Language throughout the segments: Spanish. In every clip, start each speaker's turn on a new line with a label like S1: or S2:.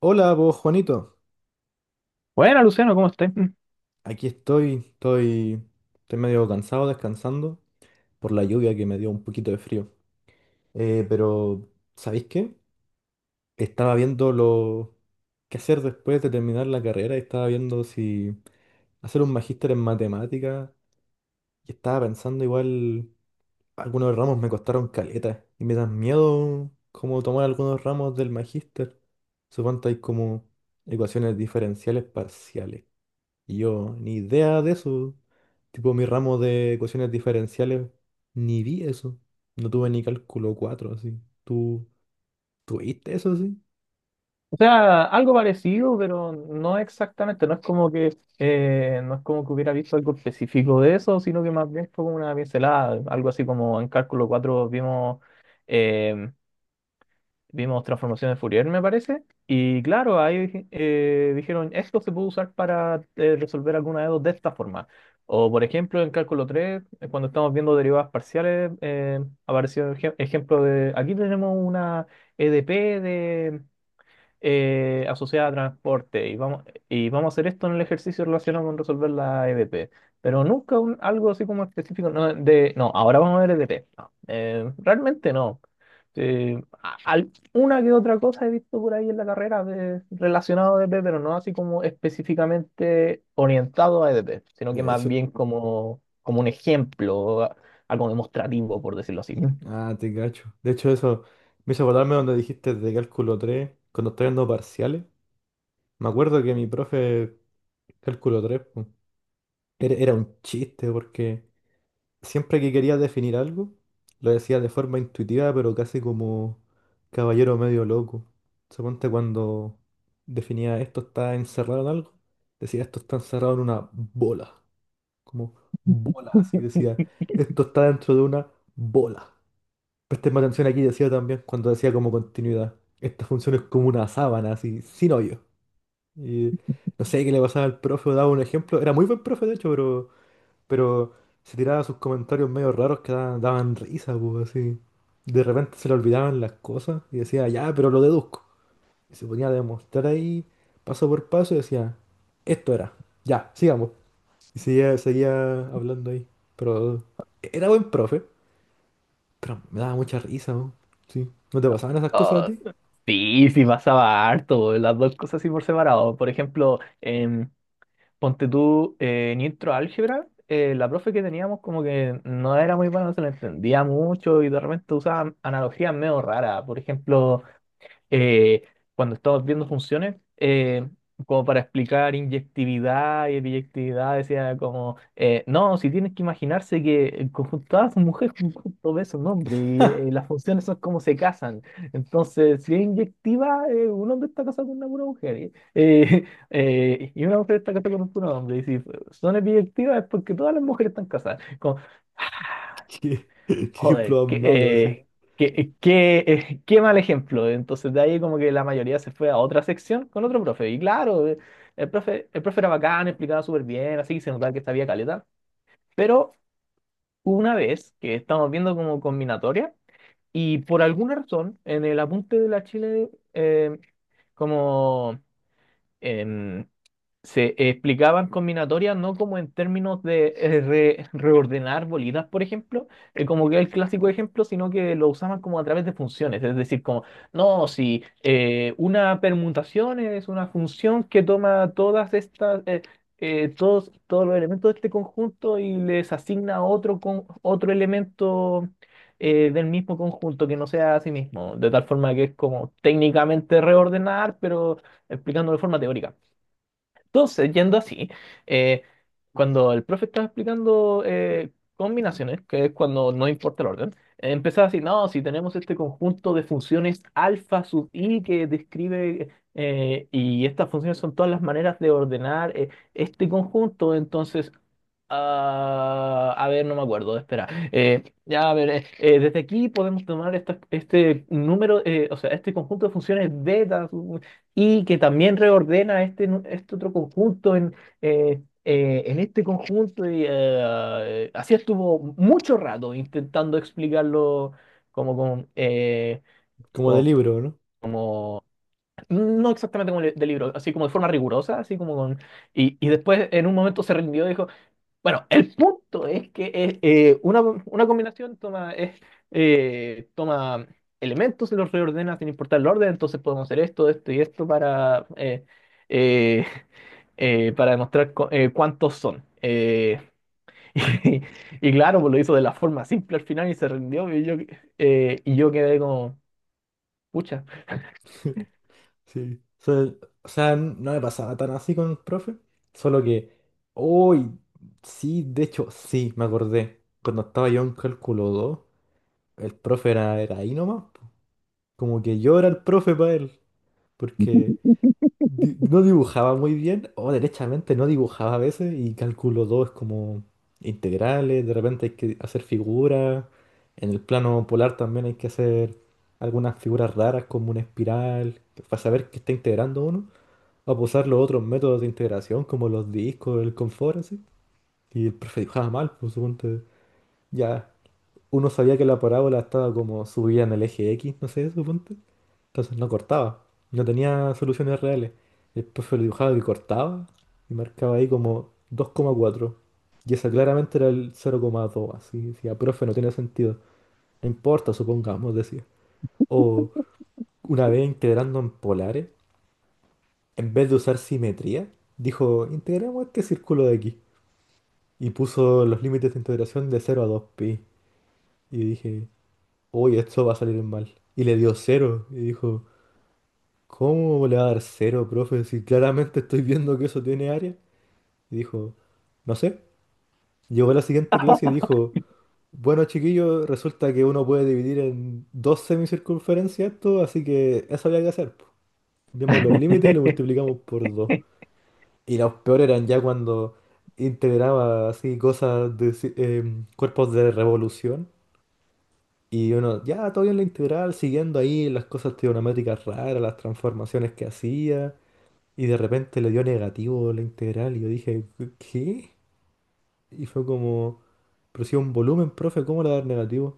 S1: Hola, vos Juanito.
S2: Bueno, Luciano, ¿cómo estás?
S1: Aquí estoy medio cansado descansando por la lluvia que me dio un poquito de frío. Pero, ¿sabéis qué? Estaba viendo lo qué hacer después de terminar la carrera y estaba viendo si hacer un magíster en matemáticas y estaba pensando igual algunos ramos me costaron caleta y me dan miedo como tomar algunos ramos del magíster. Supongo que hay como ecuaciones diferenciales parciales. Y yo, ni idea de eso. Tipo, mi ramo de ecuaciones diferenciales, ni vi eso. No tuve ni cálculo 4 así. ¿Tú tuviste eso, sí?
S2: O sea, algo parecido, pero no exactamente. No es como que hubiera visto algo específico de eso, sino que más bien fue como una pincelada, algo así como en Cálculo 4 vimos eh, vimos transformaciones de Fourier, me parece. Y claro, ahí dijeron, esto se puede usar para resolver alguna de dos de esta forma. O por ejemplo, en Cálculo 3 cuando estamos viendo derivadas parciales, apareció el ejemplo de, aquí tenemos una EDP asociada a transporte y vamos a hacer esto en el ejercicio relacionado con resolver la EDP. Pero nunca algo así como específico, no, de, no, ahora vamos a ver EDP. No, realmente no. Una que otra cosa he visto por ahí en la carrera de, relacionado a EDP, pero no así como específicamente orientado a EDP, sino que más
S1: Eso.
S2: bien como, como un ejemplo, algo demostrativo, por decirlo así.
S1: Ah, te cacho. De hecho, eso me hizo acordarme donde dijiste de cálculo 3 cuando estoy dando parciales. Me acuerdo que mi profe, cálculo 3 pu, era un chiste porque siempre que quería definir algo, lo decía de forma intuitiva, pero casi como caballero medio loco. Suponte cuando definía esto está encerrado en algo, decía esto está encerrado en una bola. Como bola, así decía, esto está dentro de una bola. Presten más atención aquí, decía también cuando decía como continuidad. Esta función es como una sábana, así, sin hoyo. Y no sé qué le pasaba al profe, daba un ejemplo. Era muy buen profe, de hecho, pero pero se tiraba sus comentarios medio raros que daban, risa, pues así. De repente se le olvidaban las cosas y decía, ya, pero lo deduzco. Y se ponía a demostrar ahí, paso por paso, y decía, esto era, ya, sigamos. Y seguía, seguía hablando ahí. Pero era buen profe, pero me daba mucha risa, ¿no? Sí. ¿No te pasaban esas cosas a
S2: Ah,
S1: ti?
S2: sí, sí pasaba harto, las dos cosas así por separado. Por ejemplo, ponte tú en intro álgebra, la profe que teníamos como que no era muy buena, no se la entendía mucho y de repente usaba analogías medio raras. Por ejemplo, eh, cuando estamos viendo funciones, como para explicar inyectividad y biyectividad decía como, no, si tienes que imaginarse que el conjunto A es mujer, conjunto B es un hombre, y las funciones son como se casan. Entonces, si es inyectiva, un hombre está casado con una pura mujer, y y una mujer está casada con un puro hombre, y si son biyectivas es porque todas las mujeres están casadas.
S1: Qué, qué
S2: Joder,
S1: ejemplo más malo, así.
S2: qué mal ejemplo. Entonces de ahí como que la mayoría se fue a otra sección con otro profe. Y claro, el profe era bacán, explicaba súper bien, así que se notaba que sabía caleta. Pero una vez que estamos viendo como combinatoria y por alguna razón en el apunte de la Chile como... em, se explicaban combinatorias no como en términos de reordenar bolitas, por ejemplo, que como que es el clásico ejemplo, sino que lo usaban como a través de funciones, es decir, como, no, si una permutación es una función que toma todas estas, todos los elementos de este conjunto y les asigna otro, con, otro elemento del mismo conjunto que no sea a sí mismo, de tal forma que es como técnicamente reordenar, pero explicándolo de forma teórica. Entonces, yendo así, eh, cuando el profe estaba explicando combinaciones, que es cuando no importa el orden, empezaba así, no, si tenemos este conjunto de funciones alfa sub i que describe, y estas funciones son todas las maneras de ordenar este conjunto. Ah, a ver, no me acuerdo, espera. Ya, a ver, desde aquí podemos tomar este número, o sea, este conjunto de funciones y que también reordena este, este otro conjunto en este conjunto. Así estuvo mucho rato intentando explicarlo como con,
S1: Como de
S2: con-
S1: libro, ¿no?
S2: como, no exactamente como del libro, así como de forma rigurosa, así como con... Y después en un momento se rindió y dijo... Bueno, el punto es que una combinación toma, es, toma elementos y los reordena sin importar el orden, entonces podemos hacer esto, esto y esto para, eh, para demostrar cuántos son. Y, y claro, pues lo hizo de la forma simple al final y se rindió y yo quedé como, pucha.
S1: Sí. O sea, no me pasaba tan así con el profe, solo que, hoy, sí, de hecho, sí, me acordé. Cuando estaba yo en cálculo 2 el profe era ahí nomás, po. Como que yo era el profe para él, porque no dibujaba muy bien, o derechamente no dibujaba a veces, y cálculo 2 es como integrales, de repente hay que hacer figuras, en el plano polar también hay que hacer algunas figuras raras como una espiral, para saber qué está integrando uno a usar los otros métodos de integración, como los discos, el confort, así. Y el profe dibujaba mal, pues suponte. Ya, uno sabía que la parábola estaba como subida en el eje X, no sé, suponte. Entonces no cortaba, no tenía soluciones reales. El profe lo dibujaba que cortaba y marcaba ahí como 2,4. Y esa claramente era el 0,2, así. Decía, profe, no tiene sentido. No importa, supongamos, decía. O una vez integrando en polares. En vez de usar simetría, dijo, integremos este círculo de aquí. Y puso los límites de integración de 0 a 2pi. Y dije, uy, esto va a salir mal. Y le dio cero. Y dijo, ¿cómo le va a dar cero profe? Si claramente estoy viendo que eso tiene área. Y dijo, no sé. Llegó a la siguiente clase y dijo, bueno, chiquillos, resulta que uno puede dividir en dos semicircunferencias esto, así que eso había que hacer, po. Vimos los límites y lo multiplicamos por dos. Y los peores eran ya cuando integraba así cosas de cuerpos de revolución. Y uno, ya, todo bien la integral, siguiendo ahí las cosas trigonométricas raras, las transformaciones que hacía. Y de repente le dio negativo la integral. Y yo dije, ¿qué? Y fue como, pero si es un volumen, profe, ¿cómo le va a dar negativo?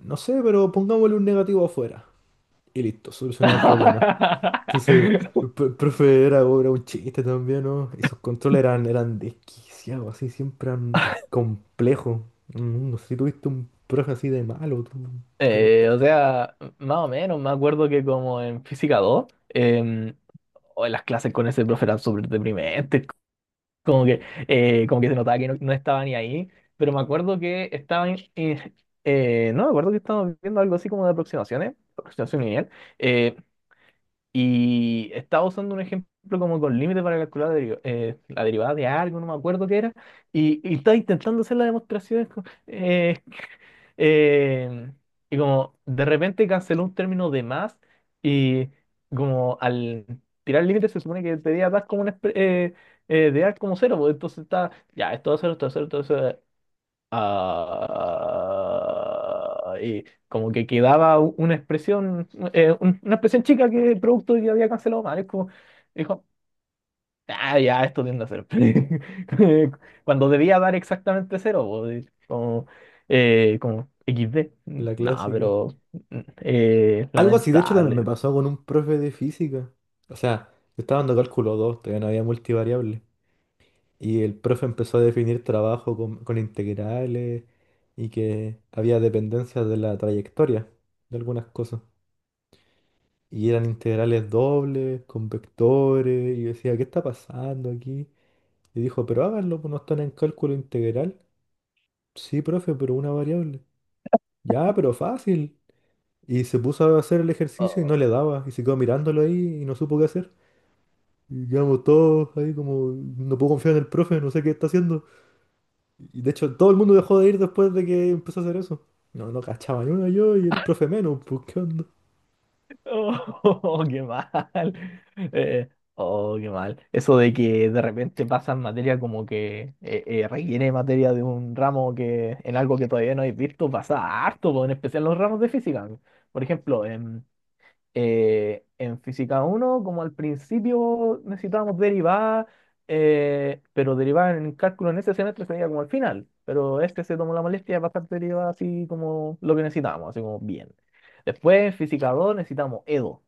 S1: No sé, pero pongámosle un negativo afuera. Y listo, solucionado el problema. Entonces, el profe era un chiste también, ¿no? Y sus controles eran desquiciados, así, siempre eran complejos. No sé si tuviste un profe así de malo, tú, pero
S2: O
S1: pésimo.
S2: sea, más o menos, me acuerdo que como en Física 2 o las clases con ese profe eran súper deprimentes, como que, como que se notaba que no, no estaba ni ahí, pero me acuerdo que estaban, no, me acuerdo que estábamos viendo algo así como de aproximaciones, aproximación lineal, eh, y estaba usando un ejemplo como con límite para calcular la derivada de algo, no me acuerdo qué era, y estaba intentando hacer las demostraciones eh, y como de repente canceló un término de más y como al tirar el límite se supone que debía dar como un de dar como cero, pues entonces está, ya, esto va a ser, esto va a ser, esto va a ser. Ah, y como que quedaba una expresión, una expresión chica que el producto que había cancelado mal. Es como, dijo, ah, ya, esto tiende a ser. Cuando debía dar exactamente cero, po, y como, como XD.
S1: La
S2: No,
S1: clásica.
S2: pero
S1: Algo así, de hecho, también me
S2: lamentable.
S1: pasó con un profe de física. O sea, yo estaba dando cálculo 2 todavía no había multivariable. Y el profe empezó a definir trabajo con, integrales y que había dependencias de la trayectoria de algunas cosas. Y eran integrales dobles, con vectores. Y yo decía, ¿qué está pasando aquí? Y dijo, pero háganlo, pues no están en cálculo integral. Sí, profe, pero una variable. Ya, pero fácil. Y se puso a hacer el ejercicio y no
S2: Oh.
S1: le daba. Y se quedó mirándolo ahí y no supo qué hacer. Y quedamos todos ahí como, no puedo confiar en el profe, no sé qué está haciendo. Y de hecho, todo el mundo dejó de ir después de que empezó a hacer eso. No, no cachaba ni una yo y el profe menos, pues qué onda.
S2: Oh, qué mal. Eh, oh, qué mal. Eso de que de repente pasan materia como que requiere materia de un ramo que en algo que todavía no habéis visto pasa harto, po, en especial los ramos de física. Por ejemplo, en física uno como al principio necesitábamos derivar, pero derivar en cálculo en ese semestre sería como al final, pero este se tomó la molestia de pasar derivar así como lo que necesitábamos, así como bien. Después en física 2 necesitamos E EDO,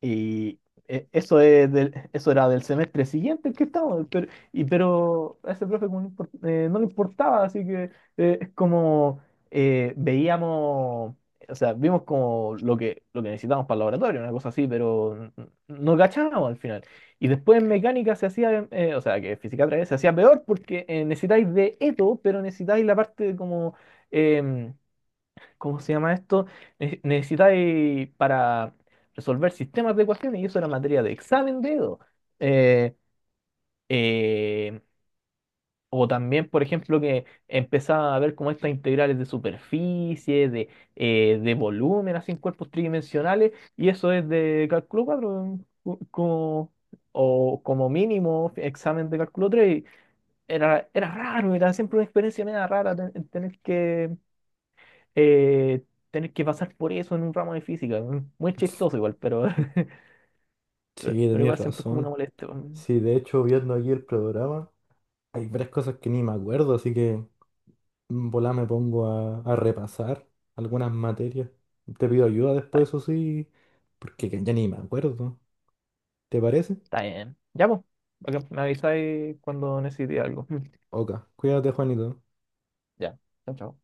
S2: y eso, eso era del semestre siguiente el que estábamos, pero a ese profe como no, no le importaba, así que es como veíamos, o sea, vimos como lo que necesitábamos para el laboratorio, una cosa así, pero no cachábamos al final. Y después en mecánica se hacía, o sea, que física 3 se hacía peor porque necesitáis de eto, pero necesitáis la parte como... em, ¿cómo se llama esto? Necesitáis para resolver sistemas de ecuaciones, y eso era materia de examen de Edo. Eh, eh, o también, por ejemplo, que empezaba a ver como estas integrales de superficie, de volumen, así en cuerpos tridimensionales, y eso es de cálculo 4 como, o como mínimo examen de cálculo tres. Era raro, era siempre una experiencia media rara eh, tener que pasar por eso en un ramo de física. Weón. Muy chistoso igual, pero,
S1: Sí,
S2: pero
S1: tenías
S2: igual siempre es como una
S1: razón.
S2: molestia. Weón.
S1: Sí, de hecho, viendo aquí el programa. Hay varias cosas que ni me acuerdo, así que en volá me pongo a, repasar algunas materias. Te pido ayuda
S2: Ah,
S1: después, eso sí, porque que ya ni me acuerdo. ¿Te parece?
S2: está bien. Ya, pues. Me avisáis cuando necesite algo.
S1: Ok, cuídate, Juanito.
S2: Ya. Chao, chao.